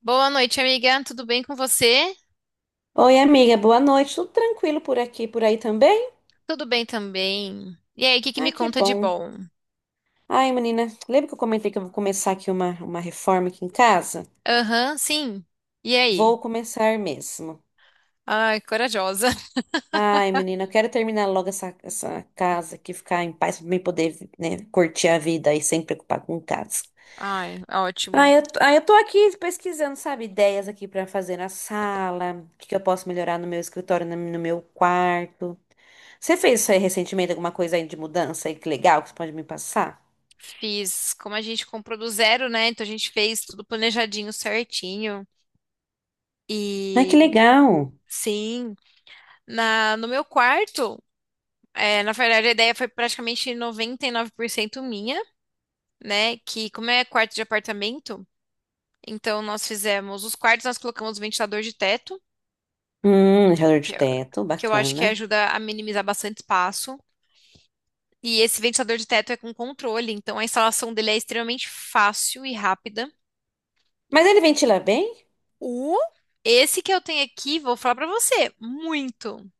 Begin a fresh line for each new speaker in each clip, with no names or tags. Boa noite, amiga. Tudo bem com você?
Oi, amiga, boa noite. Tudo tranquilo por aqui, por aí também?
Tudo bem também. E aí, o que que me
Ai, que
conta de
bom.
bom?
Ai, menina, lembra que eu comentei que eu vou começar aqui uma reforma aqui em casa?
Aham, sim. E aí?
Vou começar mesmo.
Ai, corajosa.
Ai, menina, eu quero terminar logo essa casa aqui, ficar em paz, pra mim poder, né, curtir a vida e sem preocupar com casa.
Ai, ótimo.
Ai, eu tô aqui pesquisando, sabe, ideias aqui pra fazer na sala, o que que eu posso melhorar no meu escritório, no meu quarto. Você fez isso aí recentemente, alguma coisa aí de mudança aí que legal que você pode me passar?
Fiz, como a gente comprou do zero, né? Então a gente fez tudo planejadinho, certinho.
Ai, que
E
legal.
sim, na no meu quarto, é, na verdade a ideia foi praticamente 99% minha, né? Que como é quarto de apartamento, então nós fizemos os quartos, nós colocamos ventilador de teto.
Gelador de
que é
teto,
que eu acho que
bacana.
ajuda a minimizar bastante espaço. E esse ventilador de teto é com controle, então a instalação dele é extremamente fácil e rápida.
Mas ele ventila bem?
O esse que eu tenho aqui, vou falar pra você, muito,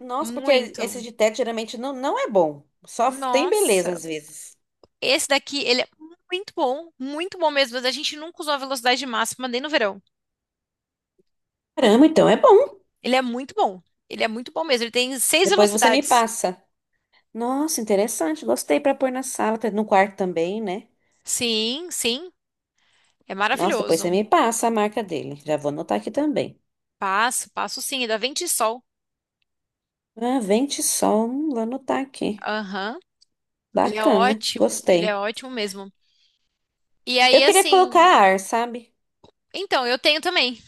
Nossa, porque esse
muito.
de teto geralmente não é bom. Só tem beleza
Nossa,
às vezes.
esse daqui, ele é muito bom mesmo, mas a gente nunca usou a velocidade máxima nem no verão.
Caramba, então é bom.
Ele é muito bom. Ele é muito bom mesmo. Ele tem seis
Depois você me
velocidades.
passa. Nossa, interessante. Gostei para pôr na sala, no quarto também, né?
Sim, sim. É
Nossa, depois você
maravilhoso.
me passa a marca dele. Já vou anotar aqui também.
Passo, passo sim. É da Vento e Sol.
Ah, vente sol, vou anotar aqui.
Aham.
Bacana,
Ele é
gostei.
ótimo mesmo. E aí,
Eu queria colocar
assim,
ar, sabe?
então, eu tenho também.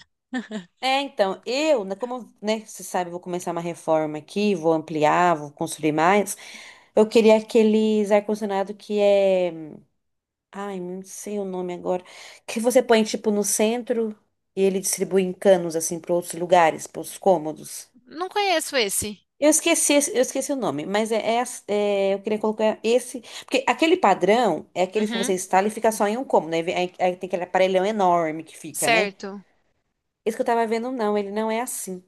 É, então, eu, né, como, né, você sabe, eu vou começar uma reforma aqui, vou ampliar, vou construir mais. Eu queria aqueles ar-condicionado que é. Ai, não sei o nome agora. Que você põe, tipo, no centro e ele distribui em canos, assim, para outros lugares, para os cômodos.
Não conheço esse.
Eu esqueci, eu esqueci o nome, mas é, eu queria colocar esse. Porque aquele padrão é aqueles que você
Uhum,
instala e fica só em um cômodo, né? Aí, aí tem aquele aparelhão enorme que fica, né?
certo.
Esse que eu tava vendo, não, ele não é assim.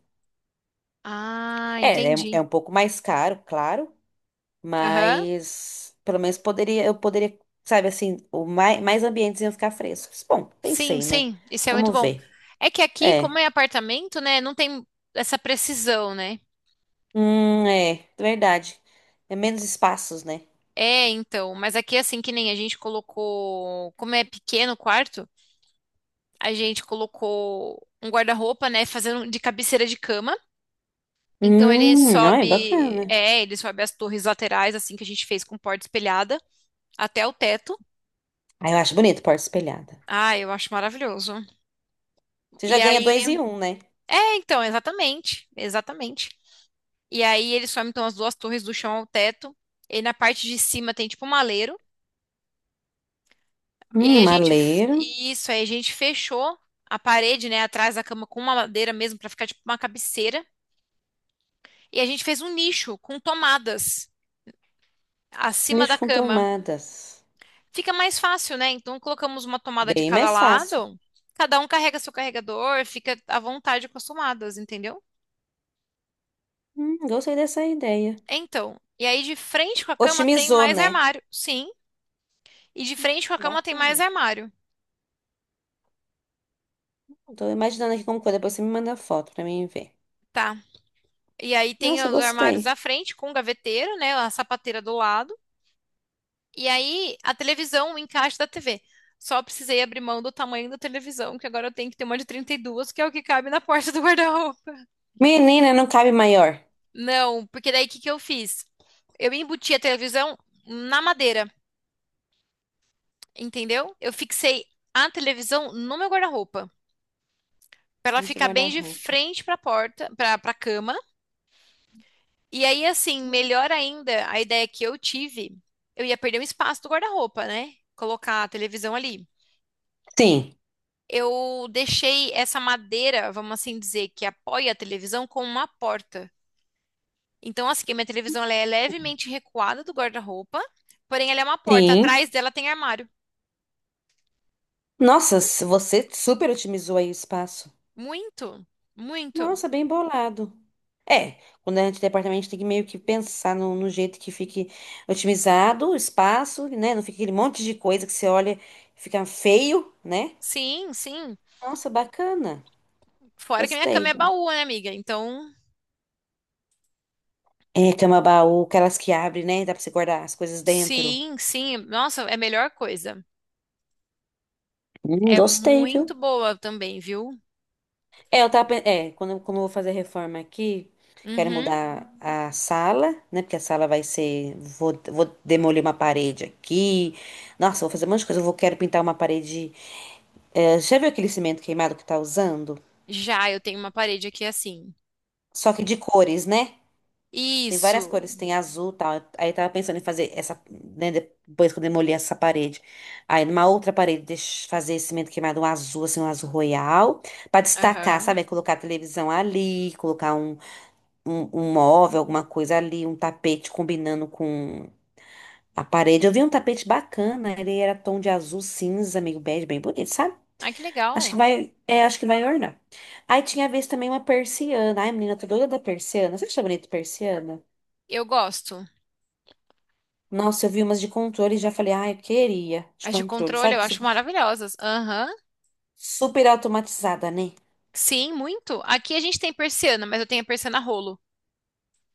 Ah,
É
entendi.
um pouco mais caro, claro,
Aham.
mas pelo menos poderia, eu poderia, sabe assim, o mais, mais ambientes iam ficar frescos. Bom,
Sim,
pensei, né?
sim, isso é muito
Vamos
bom.
ver.
É que aqui, como
É.
é apartamento, né, não tem essa precisão, né?
É, verdade. É menos espaços, né?
É, então, mas aqui, assim, que nem a gente colocou, como é pequeno o quarto, a gente colocou um guarda-roupa, né, fazendo de cabeceira de cama. Então ele
Olha,
sobe,
bacana.
é, ele sobe as torres laterais, assim que a gente fez com porta espelhada, até o teto.
Ah, eu acho bonito porta espelhada.
Ah, eu acho maravilhoso.
Você já
E
ganha
aí,
dois e um, né?
então, exatamente, exatamente. E aí ele sobe então as duas torres do chão ao teto. E na parte de cima tem tipo um maleiro. E aí a gente, f-
Maleiro,
isso, aí a gente fechou a parede, né, atrás da cama com uma madeira mesmo pra ficar tipo uma cabeceira. E a gente fez um nicho com tomadas acima da
nicho com
cama.
tomadas.
Fica mais fácil, né? Então colocamos uma tomada de
Bem
cada
mais fácil.
lado, cada um carrega seu carregador, fica à vontade com as tomadas, entendeu?
Gostei dessa ideia.
Então, e aí de frente com a cama tem
Otimizou,
mais
né?
armário, sim. E de
Hum,
frente com a cama tem mais
bacana.
armário,
Tô imaginando aqui como coisa, depois você me manda foto pra mim ver.
tá? E aí tem
Nossa,
os armários
gostei.
à frente com gaveteiro, né? A sapateira do lado. E aí a televisão, o encaixe da TV. Só precisei abrir mão do tamanho da televisão, que agora eu tenho que ter uma de 32, que é o que cabe na porta do guarda-roupa.
Menina, não cabe maior.
Não, porque daí o que que eu fiz? Eu embuti a televisão na madeira, entendeu? Eu fixei a televisão no meu guarda-roupa, para ela
Nossa,
ficar bem de
guarda-roupa.
frente para a porta, para cama. E aí assim, melhor ainda, a ideia que eu tive, eu ia perder um espaço do guarda-roupa, né? Colocar a televisão ali.
Sim,
Eu deixei essa madeira, vamos assim dizer, que apoia a televisão com uma porta. Então, assim, a minha televisão ela é levemente recuada do guarda-roupa, porém ela é uma porta.
sim.
Atrás dela tem armário.
Nossa, se você super otimizou aí o espaço.
Muito, muito.
Nossa, bem bolado. É, quando a gente tem apartamento, a gente tem que meio que pensar no jeito que fique otimizado o espaço, né? Não fica aquele monte de coisa que você olha e fica feio, né?
Sim, sim.
Nossa, bacana.
Fora que minha cama
Gostei.
é baú, né, amiga? Então,
É, cama baú, aquelas que abre, né? Dá pra você guardar as coisas dentro.
sim, sim. Nossa, é a melhor coisa. É
Gostei,
muito
viu?
boa também, viu?
É, eu tava, quando, como eu vou fazer a reforma aqui, quero
Uhum.
mudar a sala, né? Porque a sala vai ser, vou demolir uma parede aqui. Nossa, vou fazer um monte de coisa. Quero pintar uma parede. É, já viu aquele cimento queimado que tá usando?
Já eu tenho uma parede aqui assim.
Só que de cores, né? Tem várias
Isso.
cores, tem azul, e tal. Aí eu tava pensando em fazer essa, né, depois que eu demolir essa parede. Aí numa outra parede, fazer esse cimento queimado um azul, assim, um azul royal, pra destacar,
Aham.
sabe? Aí colocar a televisão ali, colocar um móvel, alguma coisa ali, um tapete combinando com a parede. Eu vi um tapete bacana, ele era tom de azul cinza, meio bege, bem bonito, sabe?
Ai, que
Acho que
legal.
vai, é, acho que vai ornar. Aí tinha vez também uma persiana. Ai, menina, eu tô doida da persiana. Você acha bonito persiana?
Eu gosto.
Nossa, eu vi umas de controle e já falei, ai, eu queria de
As de
controle,
controle eu
sabe?
acho maravilhosas. Aham.
Super automatizada, né?
Sim, muito. Aqui a gente tem persiana, mas eu tenho a persiana rolo.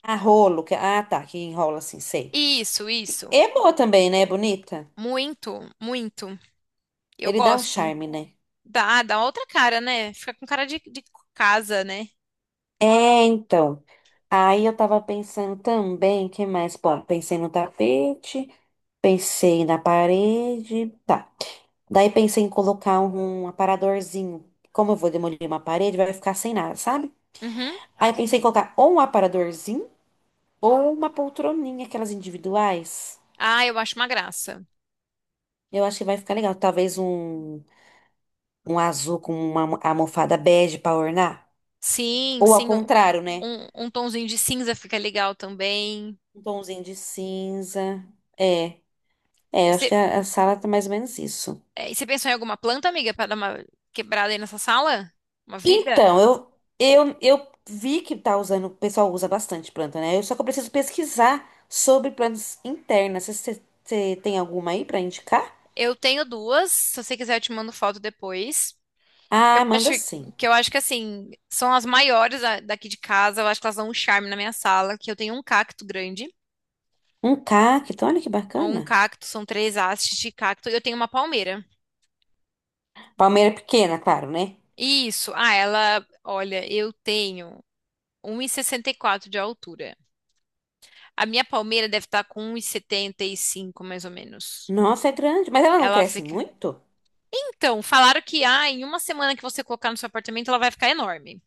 Ah, rolo, que, ah, tá, que enrola assim, sei.
Isso, isso.
É boa também, né? É bonita.
Muito, muito. Eu
Ele dá um
gosto.
charme, né?
Dá, dá outra cara, né? Fica com cara de casa, né?
É, então. Aí eu tava pensando também, que mais? Bom, pensei no tapete, pensei na parede, tá. Daí pensei em colocar um aparadorzinho. Como eu vou demolir uma parede, vai ficar sem nada, sabe?
Uhum.
Aí pensei em colocar ou um aparadorzinho ou uma poltroninha, aquelas individuais.
Ah, eu acho uma graça.
Eu acho que vai ficar legal. Talvez um, um azul com uma almofada bege pra ornar.
Sim,
Ou ao
sim, um,
contrário, né?
um tonzinho de cinza fica legal também.
Um tomzinho de cinza. É, é,
E
eu acho
você
que a sala tá mais ou menos isso.
e você pensou em alguma planta, amiga, para dar uma quebrada aí nessa sala? Uma vida?
Então, eu vi que tá usando, o pessoal usa bastante planta, né? Eu só que eu preciso pesquisar sobre plantas internas. Você tem alguma aí pra indicar?
Eu tenho duas, se você quiser eu te mando foto depois. Eu
Ah, manda
acho
sim.
eu acho que assim, são as maiores daqui de casa, eu acho que elas dão um charme na minha sala, que eu tenho um cacto grande,
Um cacto, olha que
um
bacana.
cacto, são três hastes de cacto, e eu tenho uma palmeira.
Palmeira pequena, claro, né?
Isso. Ah, ela, olha, eu tenho 1,64 de altura. A minha palmeira deve estar com 1,75 mais ou menos.
Nossa, é grande, mas ela não
Ela
cresce
fica.
muito?
Então, falaram que em uma semana que você colocar no seu apartamento, ela vai ficar enorme.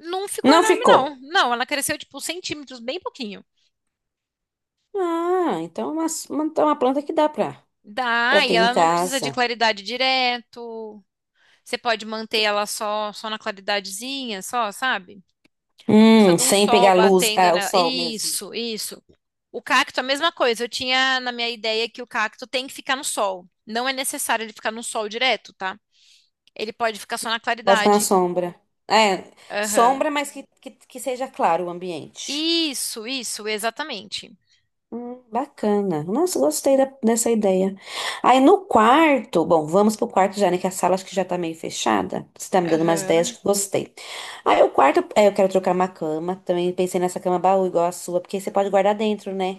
Não ficou
Não
enorme, não.
ficou.
Não, ela cresceu tipo centímetros, bem pouquinho.
Ah, então é uma planta que dá pra, pra
Dá,
ter
e
em
ela não precisa de
casa.
claridade direto. Você pode manter ela só, só na claridadezinha, só, sabe? Precisa de um
Sem
sol
pegar luz,
batendo
ah, o
nela.
sol mesmo.
Isso, isso. O cacto, a mesma coisa. Eu tinha na minha ideia que o cacto tem que ficar no sol. Não é necessário ele ficar no sol direto, tá? Ele pode ficar só na
Bota na
claridade.
sombra. É,
Aham.
sombra, mas que seja claro o ambiente.
Isso, exatamente.
Bacana. Nossa, gostei dessa ideia. Aí no quarto, bom, vamos pro quarto já, né? Que a sala acho que já tá meio fechada. Você tá me dando umas ideias
Aham.
que eu gostei. Aí o quarto, é, eu quero trocar uma cama. Também pensei nessa cama baú igual a sua, porque você pode guardar dentro, né?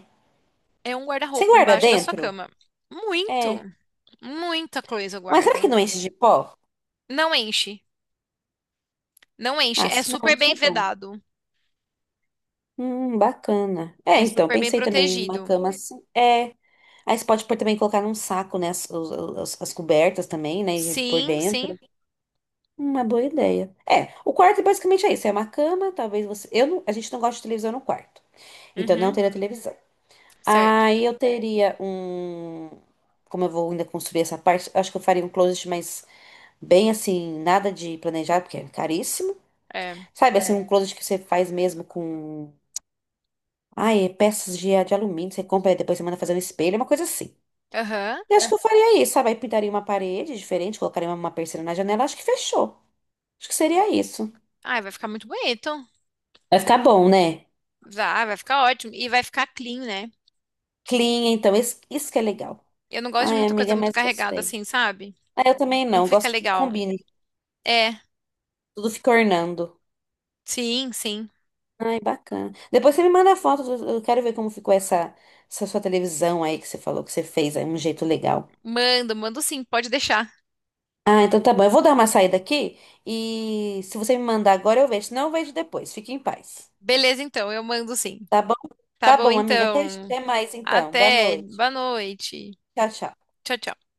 É um
Você
guarda-roupa
guarda
embaixo da sua
dentro?
cama. Muito,
É.
muita coisa eu
Mas será que
guardo.
não enche de pó?
Não enche, não enche.
Ah,
É
se não,
super
isso
bem
é bom.
vedado.
Bacana. É,
É
então,
super bem
pensei também numa
protegido.
cama assim. É. Aí você pode pôr também colocar num saco, né? As, as cobertas também, né? E por
Sim, sim.
dentro. Uma boa ideia. É, o quarto basicamente é isso. É uma cama, talvez você. Eu não, a gente não gosta de televisão no quarto. Então não
Uhum,
teria televisão.
certo.
Aí eu teria um. Como eu vou ainda construir essa parte, acho que eu faria um closet, mas bem assim, nada de planejado, porque é caríssimo.
É.
Sabe, assim, um é. Closet que você faz mesmo com. Ai, peças de alumínio, você compra e depois você manda fazer um espelho, é uma coisa assim.
Aham.
Eu acho que eu faria isso, sabe? Aí pintaria uma parede diferente, colocaria uma persiana na janela, acho que fechou. Acho que seria isso.
Ai, vai ficar muito bonito.
Vai ficar bom, né?
Vai ficar ótimo. E vai ficar clean, né?
Clean, então, isso que é legal.
Eu não gosto de
Ai,
muita coisa
amiga,
muito
mas
carregada
gostei.
assim, sabe?
Ah, eu também
Não
não,
fica
gosto que tudo
legal.
combine,
É,
tudo fica ornando.
sim, sim.
Ai, bacana. Depois você me manda foto, eu quero ver como ficou essa sua televisão aí que você falou que você fez, aí um jeito legal.
Mando, mando sim, pode deixar.
Ah, então tá bom, eu vou dar uma saída aqui e se você me mandar agora eu vejo, se não eu vejo depois. Fique em paz.
Beleza, então, eu mando sim.
Tá bom?
Tá
Tá
bom,
bom, amiga. Até,
então.
até mais então. Boa
Até.
noite.
Boa noite.
Tchau, tchau.
Tchau, tchau.